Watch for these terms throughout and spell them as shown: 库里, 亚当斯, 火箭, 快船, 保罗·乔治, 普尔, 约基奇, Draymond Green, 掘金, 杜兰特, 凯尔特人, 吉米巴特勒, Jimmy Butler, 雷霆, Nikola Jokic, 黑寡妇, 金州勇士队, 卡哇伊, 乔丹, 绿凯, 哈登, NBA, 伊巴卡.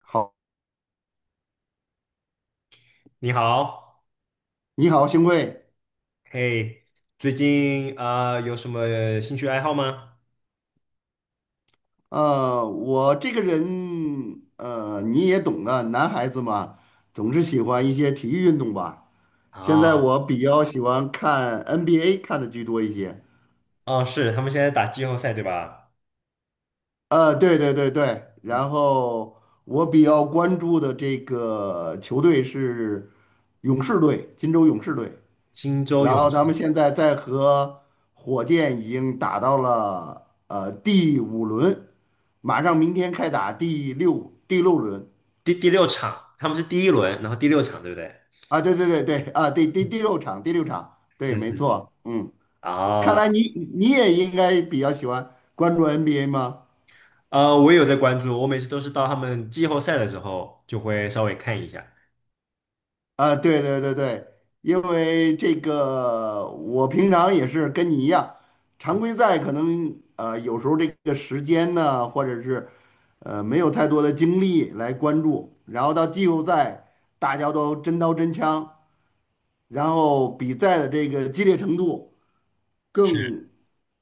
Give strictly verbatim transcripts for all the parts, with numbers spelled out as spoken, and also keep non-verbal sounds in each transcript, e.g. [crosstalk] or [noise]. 好，你好，你好，幸会。嘿，最近啊、有什么兴趣爱好吗？呃，我这个人，呃，你也懂的，男孩子嘛，总是喜欢一些体育运动吧。现在啊，我比较喜欢看 N B A，看的居多一些。哦，是，他们现在打季后赛对吧？呃，对对对对，嗯，然后我比较关注的这个球队是勇士队，金州勇士队。金州然勇后咱们士。现在在和火箭已经打到了呃第五轮，马上明天开打第六第六轮第第六场，他们是第一轮，然后第六场对不对？啊，对对对对啊，第第第六场第六场，对，是没是是。错，嗯，看啊，来你你也应该比较喜欢关注 N B A 吗？呃，我也有在关注，我每次都是到他们季后赛的时候就会稍微看一下。啊，对对对对，因为这个我平常也是跟你一样，常规赛可能呃有时候这个时间呢，或者是呃没有太多的精力来关注，然后到季后赛大家都真刀真枪，然后比赛的这个激烈程度是。更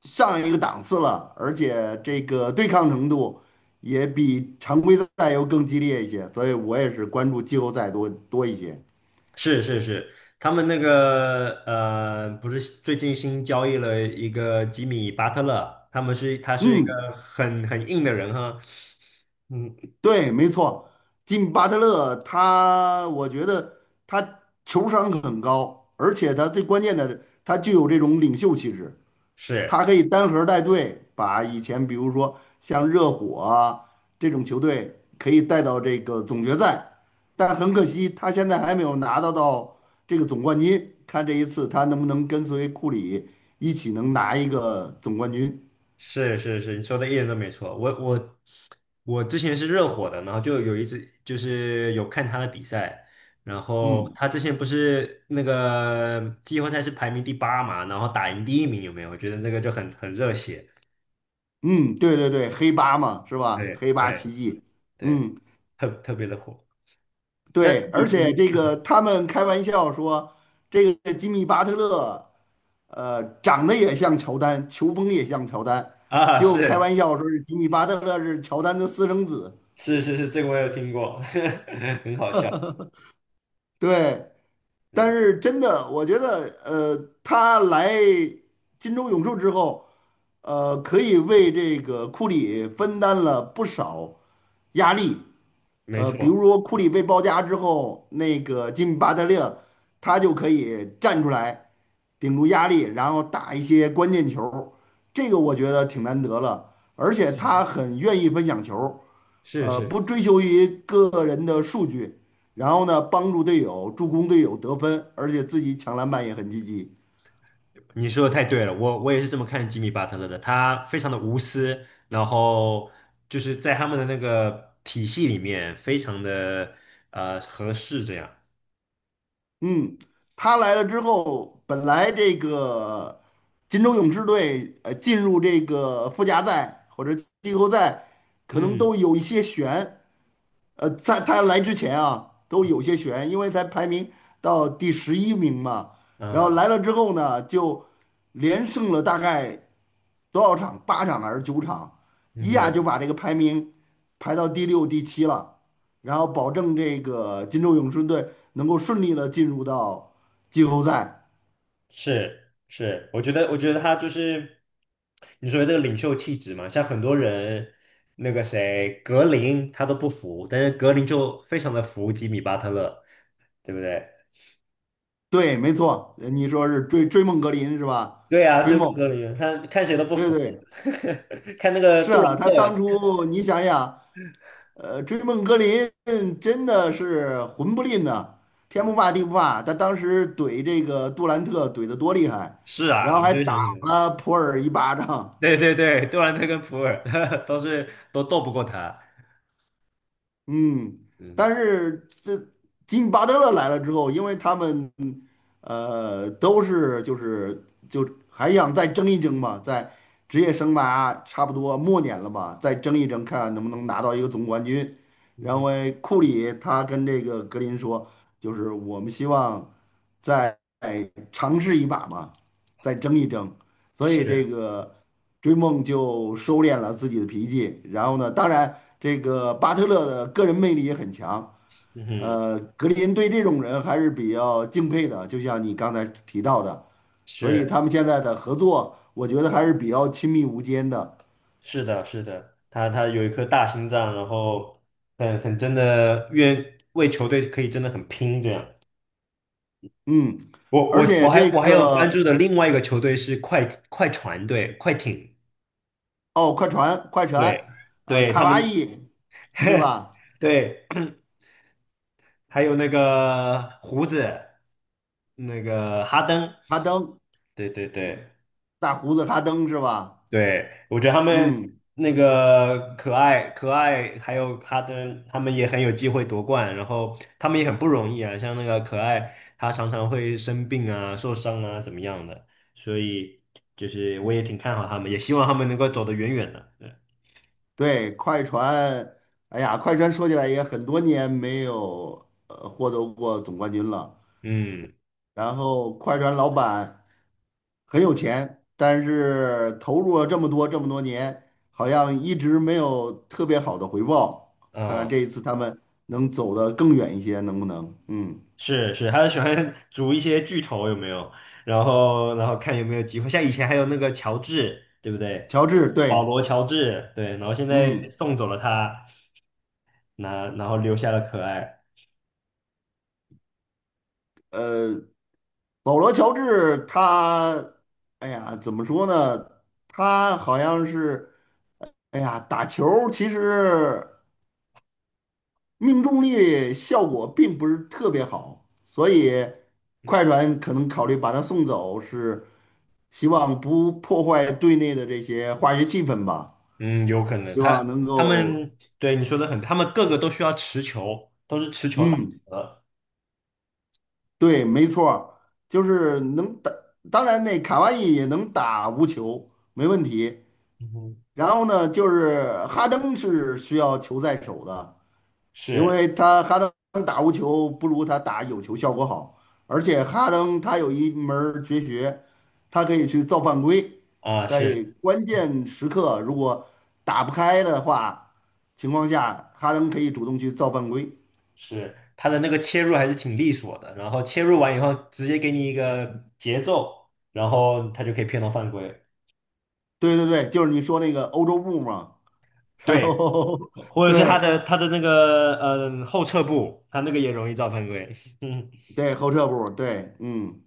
上一个档次了，而且这个对抗程度也比常规赛又更激烈一些，所以我也是关注季后赛多多一些。是是是，他们那个呃，不是最近新交易了一个吉米巴特勒，他们是他是一个嗯。很很硬的人哈，嗯，对，没错，金巴特勒他，我觉得他球商很高，而且他最关键的，他具有这种领袖气质，他是可以单核带队，把以前比如说像热火啊这种球队可以带到这个总决赛，但很可惜他现在还没有拿到到这个总冠军，看这一次他能不能跟随库里一起能拿一个总冠军。是是是，你说的一点都没错。我我我之前是热火的，然后就有一次就是有看他的比赛，然后嗯他之前不是那个季后赛是排名第八嘛，然后打赢第一名有没有？我觉得那个就很很热血，嗯，对对对，黑八嘛，是吧？对黑八奇对迹。对，嗯。特特别的火。那对，你而且你这个他们开玩笑说，这个吉米巴特勒，呃，长得也像乔丹，球风也像乔丹，啊，就开是玩笑说是吉米巴特勒是乔丹的私生子。是是是，这个我有听过，[laughs] 很好笑。对，但嗯，是真的，我觉得，呃，他来金州勇士之后，呃，可以为这个库里分担了不少压力。没呃，比如错，说库里被包夹之后，那个吉米巴特勒他就可以站出来。顶住压力，然后打一些关键球，这个我觉得挺难得了。而且他很愿意分享球，是呃，不是，追求于个人的数据，然后呢，帮助队友助攻队友得分，而且自己抢篮板也很积极。你说的太对了，我我也是这么看吉米巴特勒的，他非常的无私，然后就是在他们的那个体系里面非常的呃合适，这样。嗯，他来了之后，本来这个金州勇士队呃进入这个附加赛或者季后赛，可能嗯都有一些悬。呃，在他来之前啊，都有些悬，因为才排名到第十一名嘛。然后嗯来了之后呢，就连胜了大概多少场？八场还是九场？嗯一下就哼，把这个排名排到第六、第七了。然后保证这个金州勇顺队能够顺利的进入到季后赛。是是，我觉得，我觉得他就是你说的这个领袖气质嘛，像很多人，那个谁，格林他都不服，但是格林就非常的服吉米巴特勒，对不对？对，没错，呃你说是追追梦格林是吧？对啊，追追梦梦，格林，他看谁都不对服，对，[laughs] 看那个是杜啊，兰他当特，初你想想。呃，追梦格林真的是魂不吝呐、天不嗯，怕地不怕。他当时怼这个杜兰特怼得多厉害，是然啊，后我还觉打是了普尔一巴掌，对对对，杜兰特跟普尔 [laughs] 都是都斗不过他，嗯，但嗯，是这金巴德勒来了之后，因为他们呃都是就是就还想再争一争嘛，在职业生涯差不多末年了吧，再争一争，看看能不能拿到一个总冠军。嗯然后哼，诶库里他跟这个格林说，就是我们希望再尝试一把嘛，再争一争。所以这是，个。追梦就收敛了自己的脾气，然后呢，当然这个巴特勒的个人魅力也很强，嗯哼，呃，格林对这种人还是比较敬佩的，就像你刚才提到的，所以他是。们现在的合作，我觉得还是比较亲密无间的，是的，是的，他他有一颗大心脏，然后很很真的愿为球队可以真的很拼这样。嗯，我而我且我还这我还有关个注的另外一个球队是快快船队，快艇，哦，快船，快船，对呃，对，卡他哇们 伊，对 [laughs] 吧？对，[clears throat] 还有那个胡子，那个哈登，哈登，对对对。大胡子哈登是吧？对，我觉得他们嗯。那个可爱可爱，还有哈登，他们也很有机会夺冠，然后他们也很不容易啊。像那个可爱，他常常会生病啊、受伤啊，怎么样的，所以就是我也挺看好他们，也希望他们能够走得远远的。对，对，快船，哎呀，快船说起来也很多年没有呃获得过总冠军了。嗯然后快船老板很有钱，但是投入了这么多这么多年，好像一直没有特别好的回报。看看嗯，这一次他们能走得更远一些，能不能？嗯，是是，他喜欢 [laughs] 组一些巨头有没有？然后然后看有没有机会，像以前还有那个乔治，对不对？乔治，保对，罗·乔治，对，然后现在嗯，送走了他，那然后留下了可爱。呃，保罗·乔治他，哎呀，怎么说呢？他好像是。哎呀，打球儿其实命中率效果并不是特别好，所以快船可能考虑把他送走，是希望不破坏队内的这些化学气氛吧，嗯，有可能希望他能他够，们对你说的很，他们个个都需要持球，都是持球打嗯，的。对，没错儿，就是能打，当然那卡哇伊也能打无球，没问题。嗯，然后呢，就是哈登是需要球在手的。因是为他哈登打无球不如他打有球效果好，而且哈登他有一门儿绝学，他可以去造犯规，啊，是在关键时刻如果打不开的话情况下，哈登可以主动去造犯规。是，他的那个切入还是挺利索的，然后切入完以后直接给你一个节奏，然后他就可以骗到犯规。对对对，就是你说那个欧洲步嘛，然对，后 [laughs] 或者是他对的他的那个嗯后撤步，他那个也容易造犯规。[laughs] 嗯，对后撤步，对，嗯。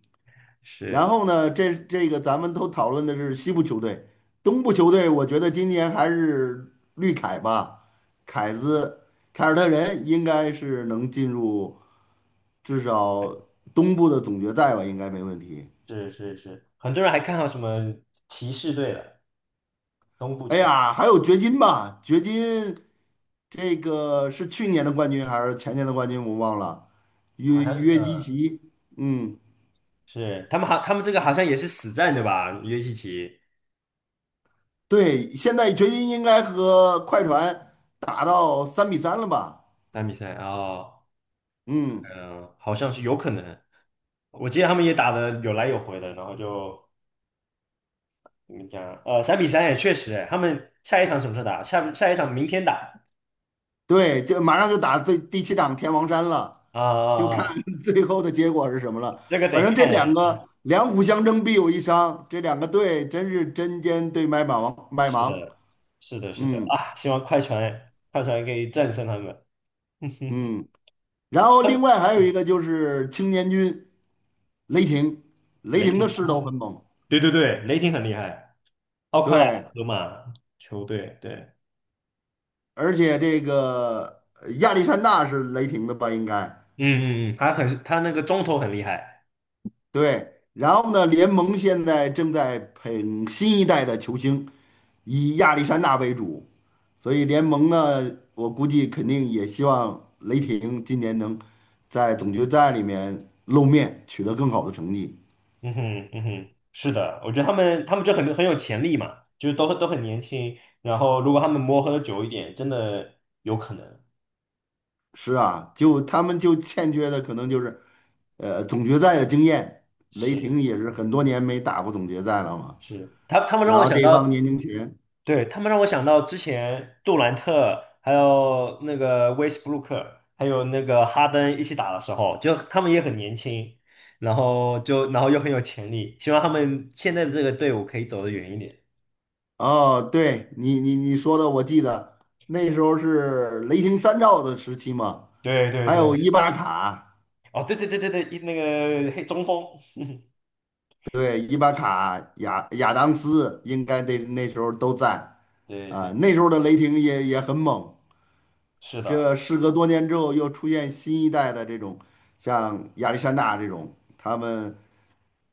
然是后呢，这这个咱们都讨论的是西部球队，东部球队，我觉得今年还是绿凯吧，凯子凯尔特人应该是能进入至少东部的总决赛吧，应该没问题。是是是，很多人还看到什么骑士队的东部哎骑，呀，还有掘金吧，掘金这个是去年的冠军还是前年的冠军，我忘了。好约像约基呃。奇，嗯，是，他们好，他们这个好像也是死战对吧？约基奇对，现在掘金应该和快船打到三比三了吧？打比赛哦，嗯。嗯、好像是有可能。我记得他们也打的有来有回的，然后就怎么讲？呃，三比三也确实哎，他们下一场什么时候打？下下一场明天打。对，就马上就打最第七场天王山了，啊就啊看 啊！[laughs] 最后的结果是什么了。这个反得正这看，两嗯，个两虎相争必有一伤，这两个队真是针尖对麦芒麦是芒。的，是的，是的嗯啊！希望快船快船可以战胜他们。[laughs] 嗯，然后他另们外还有一嗯个就是青年军雷霆，雷雷霆霆的势头哦，很猛，对对对，雷霆很厉害，奥克拉对，荷马球队对。而且这个呃亚历山大是雷霆的吧？应该嗯嗯嗯，他很他那个中投很厉害，对。然后呢，联盟现在正在捧新一代的球星，以亚历山大为主。所以联盟呢，我估计肯定也希望雷霆今年能在总决赛里面露面，取得更好的成绩。嗯哼嗯哼，是的，我觉得他们他们就很很有潜力嘛，就是都都很年轻，然后如果他们磨合的久一点，真的有可能。是啊，就他们就欠缺的可能就是，呃，总决赛的经验。雷霆是也是很多年没打过总决赛了嘛。是，他他们让然我后想这帮到，年轻人，对，他们让我想到之前杜兰特还有那个威斯布鲁克还有那个哈登一起打的时候，就他们也很年轻，然后就然后又很有潜力，希望他们现在的这个队伍可以走得远一点。哦，对你你你说的，我记得那时候是雷霆三兆的时期嘛，对对还有伊对，巴卡。哦，对对对对对，一那个黑中锋，对，伊巴卡、亚亚当斯应该那那时候都在，对啊、对，那时候的雷霆也也很猛。是的，这事隔多年之后，又出现新一代的这种，像亚历山大这种，他们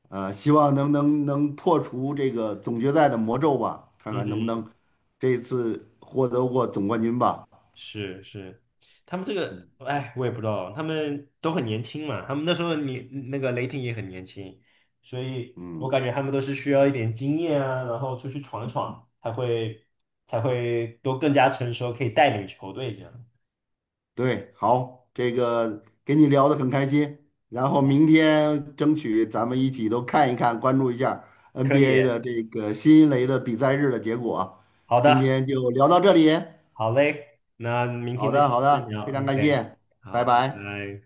呃希望能能能破除这个总决赛的魔咒吧，看嗯看能不能哼，这一次获得过总冠军吧。是是，他们这个，哎，我也不知道，他们都很年轻嘛，他们那时候你那个雷霆也很年轻，所以我嗯。感觉他们都是需要一点经验啊，然后出去闯一闯，才会才会都更加成熟，可以带领球队这样。对，好，这个跟你聊得很开心，然后明天争取咱们一起都看一看，关注一下 可以，N B A 的这个新一轮的比赛日的结果。好今的，天就聊到这里，好嘞，那明好天再继的，好续的，聊非常感，OK，谢，拜好，拜拜。拜。